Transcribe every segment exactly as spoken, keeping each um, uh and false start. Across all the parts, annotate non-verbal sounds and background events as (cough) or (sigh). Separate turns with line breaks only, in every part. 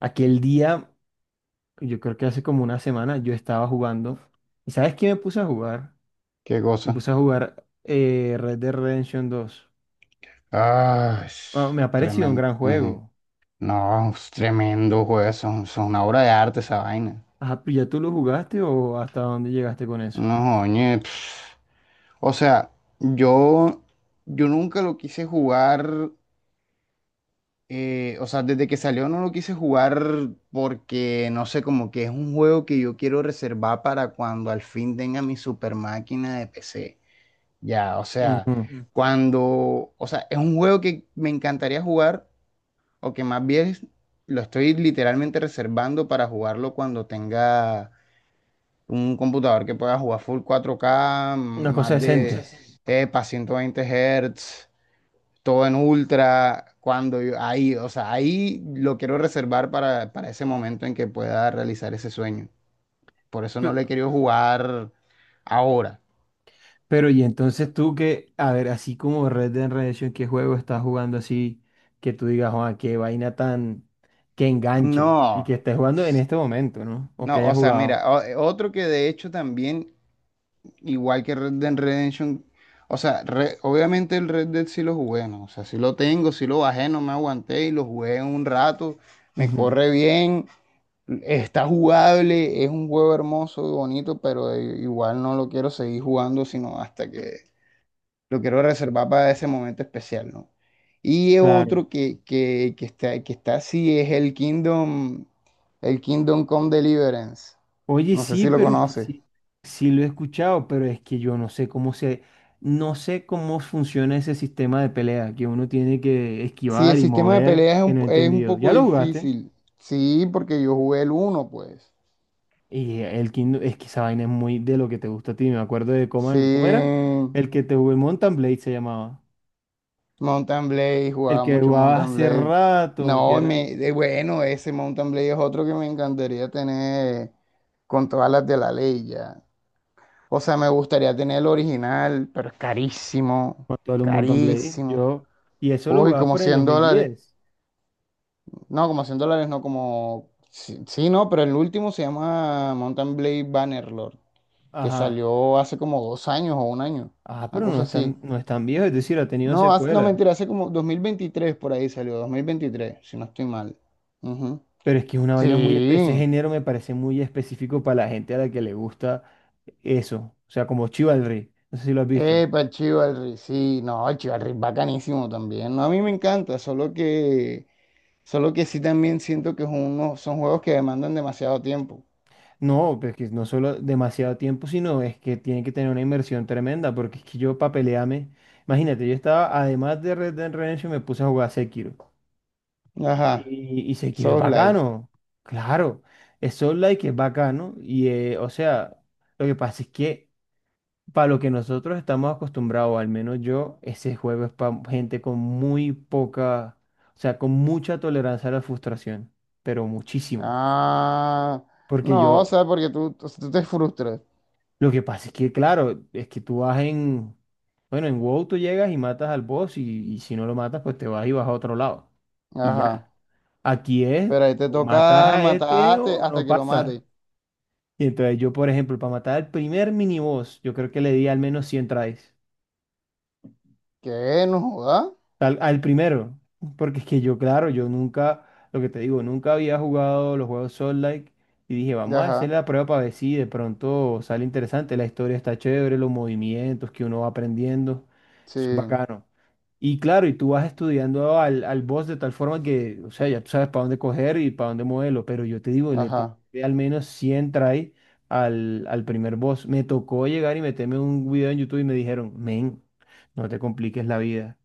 Aquel día, yo creo que hace como una semana, yo estaba jugando. ¿Y sabes qué me puse a jugar?
Qué
Me
cosa.
puse a jugar eh, Red Dead Redemption dos.
Ah,
Ah, me ha parecido un
tremendo.
gran juego.
No, es tremendo, juez. Eso, eso es una obra de arte esa vaina.
Ajá, ¿pero ya tú lo jugaste o hasta dónde llegaste con eso?
No, oye. O sea, yo, yo nunca lo quise jugar. Eh, o sea, desde que salió no lo quise jugar porque, no sé, como que es un juego que yo quiero reservar para cuando al fin tenga mi super máquina de P C. Ya, o sea,
Ujú.
cuando, o sea, es un juego que me encantaría jugar, o que más bien lo estoy literalmente reservando para jugarlo cuando tenga un computador que pueda jugar full cuatro K,
Una
más
cosa
una cosa de
decente.
así. Epa, ciento veinte Hz, todo en ultra, cuando yo- ahí, o sea, ahí lo quiero reservar para, para ese momento en que pueda realizar ese sueño. Por eso no
Pe-
lo he querido jugar ahora.
Pero, y entonces tú que, a ver, así como Red Dead Redemption, ¿qué juego estás jugando, así que tú digas, Juan, qué vaina tan que enganche y
No,
que estés jugando en este momento? ¿No? O que
no,
hayas
o sea,
jugado.
mira, o- otro que de hecho también igual que Red Dead Redemption. O sea, re- obviamente el Red Dead sí lo jugué, ¿no? O sea, sí lo tengo, sí lo bajé, no me aguanté y lo jugué un rato. Me
Ujú.
corre bien, está jugable, es un juego hermoso y bonito, pero i- igual no lo quiero seguir jugando, sino hasta que lo quiero reservar para ese momento especial, ¿no? Y
Claro.
otro que, que, que está, que está así es el Kingdom, el Kingdom Come Deliverance.
Oye,
No sé
sí,
si lo
pero es que
conoces.
sí, sí lo he escuchado, pero es que yo no sé cómo se, no sé cómo funciona ese sistema de pelea que uno tiene que
Sí, el
esquivar y
sistema de
mover,
peleas es
que
un,
no he
es un
entendido. ¿Ya
poco
lo jugaste?
difícil. Sí, porque yo jugué el uno, pues.
Y el Kingdom, es que esa vaina es muy de lo que te gusta a ti. Me acuerdo de
Sí,
Coman, ¿cómo era? El que te jugué Mountain Blade se llamaba.
Mountain Blade,
El
jugaba
que
mucho
jugaba
Mountain
hace
Blade.
rato, que
No,
era
me, de- bueno, ese Mountain Blade es otro que me encantaría tener con todas las de la ley ya. O sea, me gustaría tener el original, pero es carísimo,
actual un Mountain Blade.
carísimo.
Yo, y eso lo
Uy,
jugabas
como
por el dos
cien
mil
dólares.
diez.
No, como cien dólares, no como... Sí, sí, no, pero el último se llama Mountain Blade Bannerlord, que
Ajá.
salió hace como dos años o un año,
Ajá,
una
pero no
cosa
es
así.
tan, no es tan viejo, es decir, ha tenido
No, hace- no,
secuelas.
mentira, hace como dos mil veintitrés por ahí salió, dos mil veintitrés, si no estoy mal. Ujú.
Pero es que es una vaina muy, ese
Sí,
género me parece muy específico para la gente a la que le gusta eso. O sea, como Chivalry. No sé si lo has visto.
epa, Chivalry, sí, no, Chivalry es bacanísimo también. No, a mí me encanta, solo que, solo que sí también siento que es uno- son juegos que demandan demasiado tiempo.
No, pero es que no solo demasiado tiempo, sino es que tiene que tener una inversión tremenda, porque es que yo para pelearme, imagínate, yo estaba, además de Red Dead Redemption, me puse a jugar Sekiro.
Ajá,
Y, y Sekiro es
Souls like.
bacano, claro, es Soul Like, es bacano, y eh, o sea, lo que pasa es que para lo que nosotros estamos acostumbrados, al menos yo, ese juego es para gente con muy poca, o sea, con mucha tolerancia a la frustración, pero muchísima.
Ah,
Porque
no, o
yo,
sea, porque tú, o sea, tú te frustras.
lo que pasa es que, claro, es que tú vas en, bueno, en WoW tú llegas y matas al boss y, y si no lo matas, pues te vas y vas a otro lado. Y
Ajá.
ya. Aquí es,
Pero ahí te
tú matas
toca
a este
matarte
o
hasta
no
que lo
pasa.
mate.
Y entonces yo, por ejemplo, para matar al primer miniboss, yo creo que le di al menos cien tries.
¿Qué? No joda.
Al, al primero, porque es que yo, claro, yo nunca, lo que te digo, nunca había jugado los juegos Soul Like y dije, vamos a hacer
Ajá.
la prueba para ver si de pronto sale interesante, la historia está chévere, los movimientos que uno va aprendiendo,
Sí.
eso es bacano. Y claro, y tú vas estudiando al, al boss de tal forma que, o sea, ya tú sabes para dónde coger y para dónde moverlo, pero yo te digo, le te-
Ajá.
al menos cien try al, al primer boss. Me tocó llegar y meterme un video en YouTube y me dijeron, men, no te compliques la vida,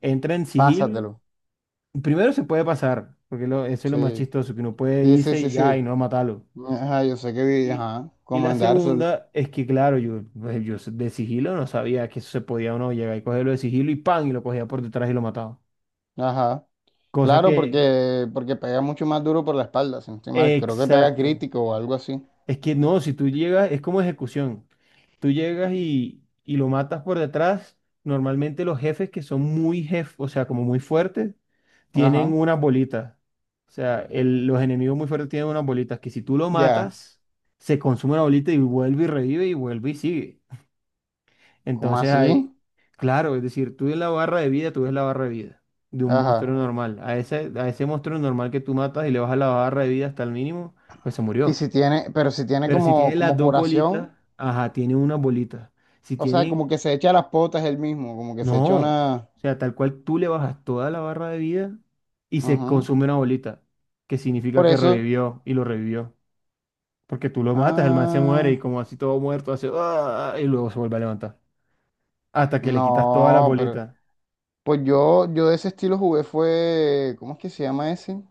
entra en sigilo.
Pásatelo.
Primero se puede pasar, porque lo- eso es lo más
Sí.
chistoso, que uno puede
Sí, sí,
irse
sí,
y ya, y
sí.
no matarlo.
Ajá, yo sé que vi,
Y,
ajá.
y
Como
la
en Dark Souls.
segunda es que, claro, yo, pues, yo de sigilo no sabía que eso se podía, uno llegar y cogerlo de sigilo, y ¡pam!, y lo cogía por detrás y lo mataba.
Ajá.
Cosa
Claro,
que,
porque, porque pega mucho más duro por la espalda, si no estoy mal. Creo que pega
exacto.
crítico o algo así.
Es que no, si tú llegas, es como ejecución. Tú llegas y, y lo matas por detrás. Normalmente los jefes que son muy jefes, o sea, como muy fuertes, tienen
Ajá.
unas bolitas. O sea, el- los enemigos muy fuertes tienen unas bolitas que si tú lo
Ya.
matas, se consume una bolita y vuelve y revive y vuelve y sigue.
¿Cómo
Entonces
así?
hay, claro, es decir, tú ves la barra de vida, tú ves la barra de vida de un monstruo
Ajá.
normal. A ese, a ese monstruo normal que tú matas y le bajas la barra de vida hasta el mínimo, pues se
Y
murió.
si tiene, pero si tiene
Pero si tiene
como,
las
como
dos bolitas,
curación.
ajá, tiene una bolita. Si
O sea,
tienen.
como que se echa las potas él mismo, como que se echa
No, o
una...
sea, tal cual, tú le bajas toda la barra de vida y se
Ujú.
consume una bolita, que significa
Por
que
eso...
revivió, y lo revivió. Porque tú lo matas, el man se muere y,
Ah,
como así todo muerto, hace "Ah", y luego se vuelve a levantar. Hasta que le quitas todas las
no, pero...
bolitas.
Pues yo, yo de ese estilo jugué fue... ¿Cómo es que se llama ese?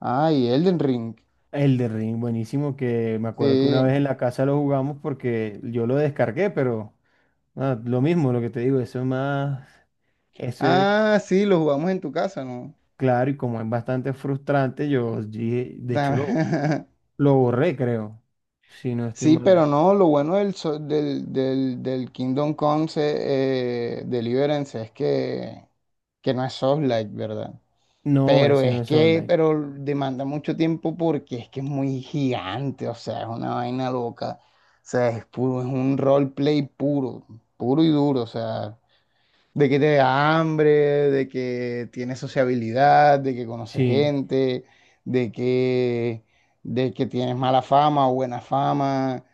Ay, Elden Ring.
El de Ring, buenísimo, que me acuerdo que una
Sí.
vez en la casa lo jugamos porque yo lo descargué, pero ah, lo mismo, lo que te digo, eso es más, eso es,
Ah, sí, lo jugamos en tu casa, ¿no?
claro, y como es bastante frustrante, yo dije, de hecho lo...
Ta-
Lo borré, creo. Si no
(laughs)
estoy
Sí,
mal.
pero no, lo bueno del, so- del, del, del Kingdom Come se- eh, Deliverance es que, que no es Souls-like, ¿verdad?
No,
Pero
ese no
es
es All
que,
Like.
pero demanda mucho tiempo porque es que es muy gigante, o sea, es una vaina loca. O sea, es puro, es un roleplay puro, puro y duro, o sea, de que te da hambre, de que tienes sociabilidad, de que conoces
Sí.
gente, de que, de que tienes mala fama o buena fama,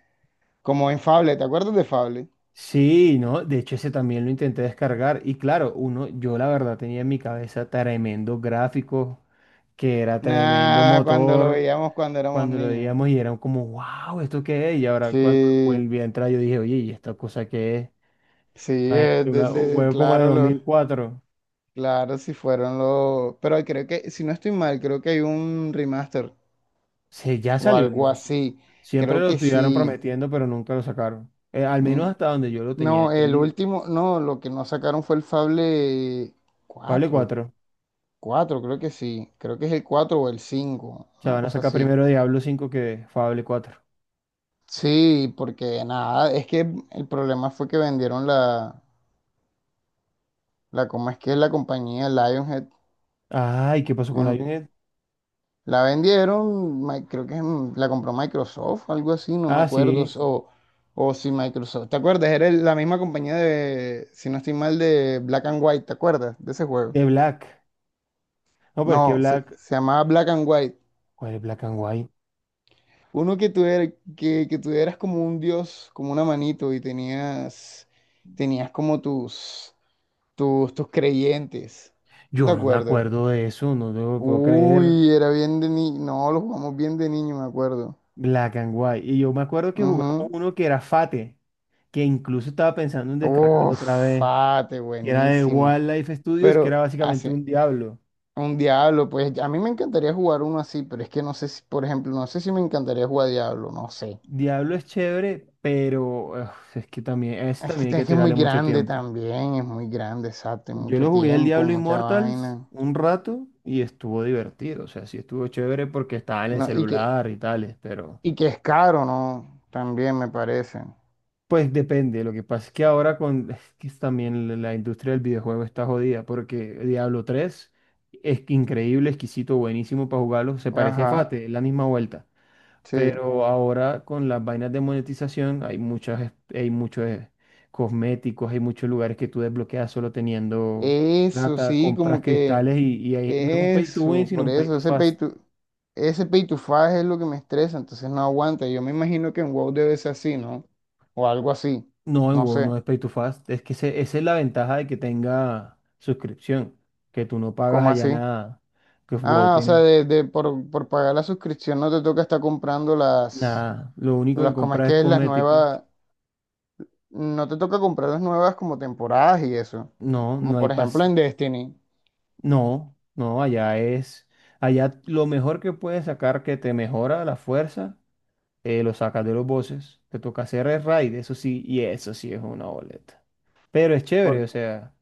como en Fable. ¿Te acuerdas de Fable?
Sí, no. De hecho, ese también lo intenté descargar. Y claro, uno, yo la verdad tenía en mi cabeza tremendo gráfico, que era tremendo
Nada, cuando lo
motor.
veíamos cuando éramos
Cuando lo
niños.
veíamos y era como, wow, ¿esto qué es? Y ahora cuando
Sí,
volví a entrar, yo dije, oye, ¿y esta cosa qué es?
sí, eh,
Imagínate,
de-
una- un
de-
juego como de
claro,
dos
lo...
mil cuatro
Claro, si fueron los... Pero creo que, si no estoy mal, creo que hay un remaster
Se, ya
o
salió,
algo
no sé.
así.
Siempre
Creo
lo
que
estuvieron
sí.
prometiendo, pero nunca lo sacaron. Eh, al
Mm,
menos hasta donde yo lo tenía
no, el
entendido.
último, no, lo que no sacaron fue el Fable
Fable
cuatro,
cuatro,
cuatro, creo que sí. Creo que es el cuatro o el cinco,
O sea,
una
van a
cosa
sacar
así.
primero Diablo cinco que Fable cuatro.
Sí, porque nada, es que el problema fue que vendieron la, la, ¿cómo es que es la compañía Lionhead?
Ay, ¿qué pasó con Lionhead?
La vendieron, mi- creo que en- la compró Microsoft, algo así, no me
Ah,
acuerdo.
sí,
O, o si Microsoft, ¿te acuerdas? Era el- la misma compañía de, si no estoy mal, de Black and White. ¿Te acuerdas de ese juego?
de Black. No, pero es que
No, se,
Black.
se llamaba Black and White.
¿Cuál es Black and White?
Uno que tú, er- que, que tú eras como un dios, como una manito, y tenías, tenías como tus, tus, tus creyentes. ¿No te
Yo no me
acuerdas?
acuerdo de eso, no te lo puedo creer.
Uy, era bien de niño. No, lo jugamos bien de niño, me acuerdo.
Black and White. Y yo me acuerdo que jugamos
Ujú.
uno que era Fate, que incluso estaba pensando en descargarlo otra
Uf,
vez.
Fate,
Que era de
buenísimo.
Wildlife Studios, que era
Pero
básicamente
hace
un Diablo.
un Diablo, pues a mí me encantaría jugar uno así, pero es que no sé si, por ejemplo, no sé si me encantaría jugar Diablo, no sé.
Diablo es chévere, pero uf, es que también, a ese
Es
también hay
que
que
es que es muy
tirarle mucho
grande
tiempo.
también, es muy grande, exacto, y
Yo
mucho
lo jugué el
tiempo,
Diablo
mucha
Immortals
vaina.
un rato y estuvo divertido, o sea, sí estuvo chévere porque estaba en el
No, y que,
celular y tales, pero
y que es caro, ¿no? También me parece.
pues depende, lo que pasa es que ahora con (laughs) es que también la la industria del videojuego está jodida, porque Diablo tres es que increíble, exquisito, buenísimo para jugarlo, se parece a
Ajá,
Fate, es la misma vuelta.
sí.
Pero ahora con las vainas de monetización hay muchas, es- hay muchos eh, cosméticos, hay muchos lugares que tú desbloqueas solo teniendo
Eso
plata,
sí,
compras
como que
cristales y, y ahí- no es un pay to win,
eso,
sino
por
un pay
eso,
to
ese pay
fast.
to, ese pay to five es lo que me estresa, entonces no aguanta. Yo me imagino que en WoW debe ser así, ¿no? O algo así,
No, en
no
WoW no
sé,
es pay to fast. Es que ese- esa es la ventaja de que tenga suscripción, que tú no pagas
¿cómo
allá
así?
nada, que WoW
Ah, o sea,
tiene
de, de- por, por pagar la suscripción no te toca estar comprando las,
nada. Lo único que
las, ¿cómo es
compras es
que es? Las
cosmético.
nuevas, no te toca comprar las nuevas como temporadas y eso,
No,
como
no hay
por ejemplo
pas
en Destiny.
No, no, allá es, allá lo mejor que puedes sacar que te mejora la fuerza, eh, lo sacas de los bosses. Te toca hacer el raid, eso sí, y eso sí es una boleta. Pero es chévere,
Por,
o sea,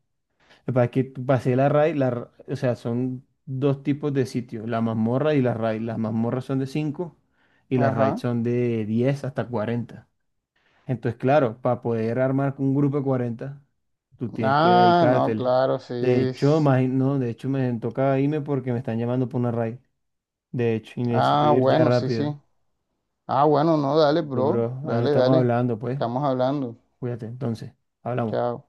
para que tú- pasé la raid, la, ra- o sea, son dos tipos de sitios, la mazmorra y la raid. Las mazmorras son de cinco y las raids
ajá.
son de diez hasta cuarenta. Entonces, claro, para poder armar un grupo de cuarenta, tú tienes que
Ah, no,
dedicártele.
claro, sí.
De hecho, imagi- no, de hecho me toca irme porque me están llamando por una raid. De hecho, y necesito
Ah,
ir ya
bueno, sí, sí.
rápido.
Ah, bueno, no, dale,
Pero,
bro.
bro, ahí no
Dale,
estamos
dale.
hablando, pues.
Estamos hablando.
Cuídate, entonces, hablamos.
Chao.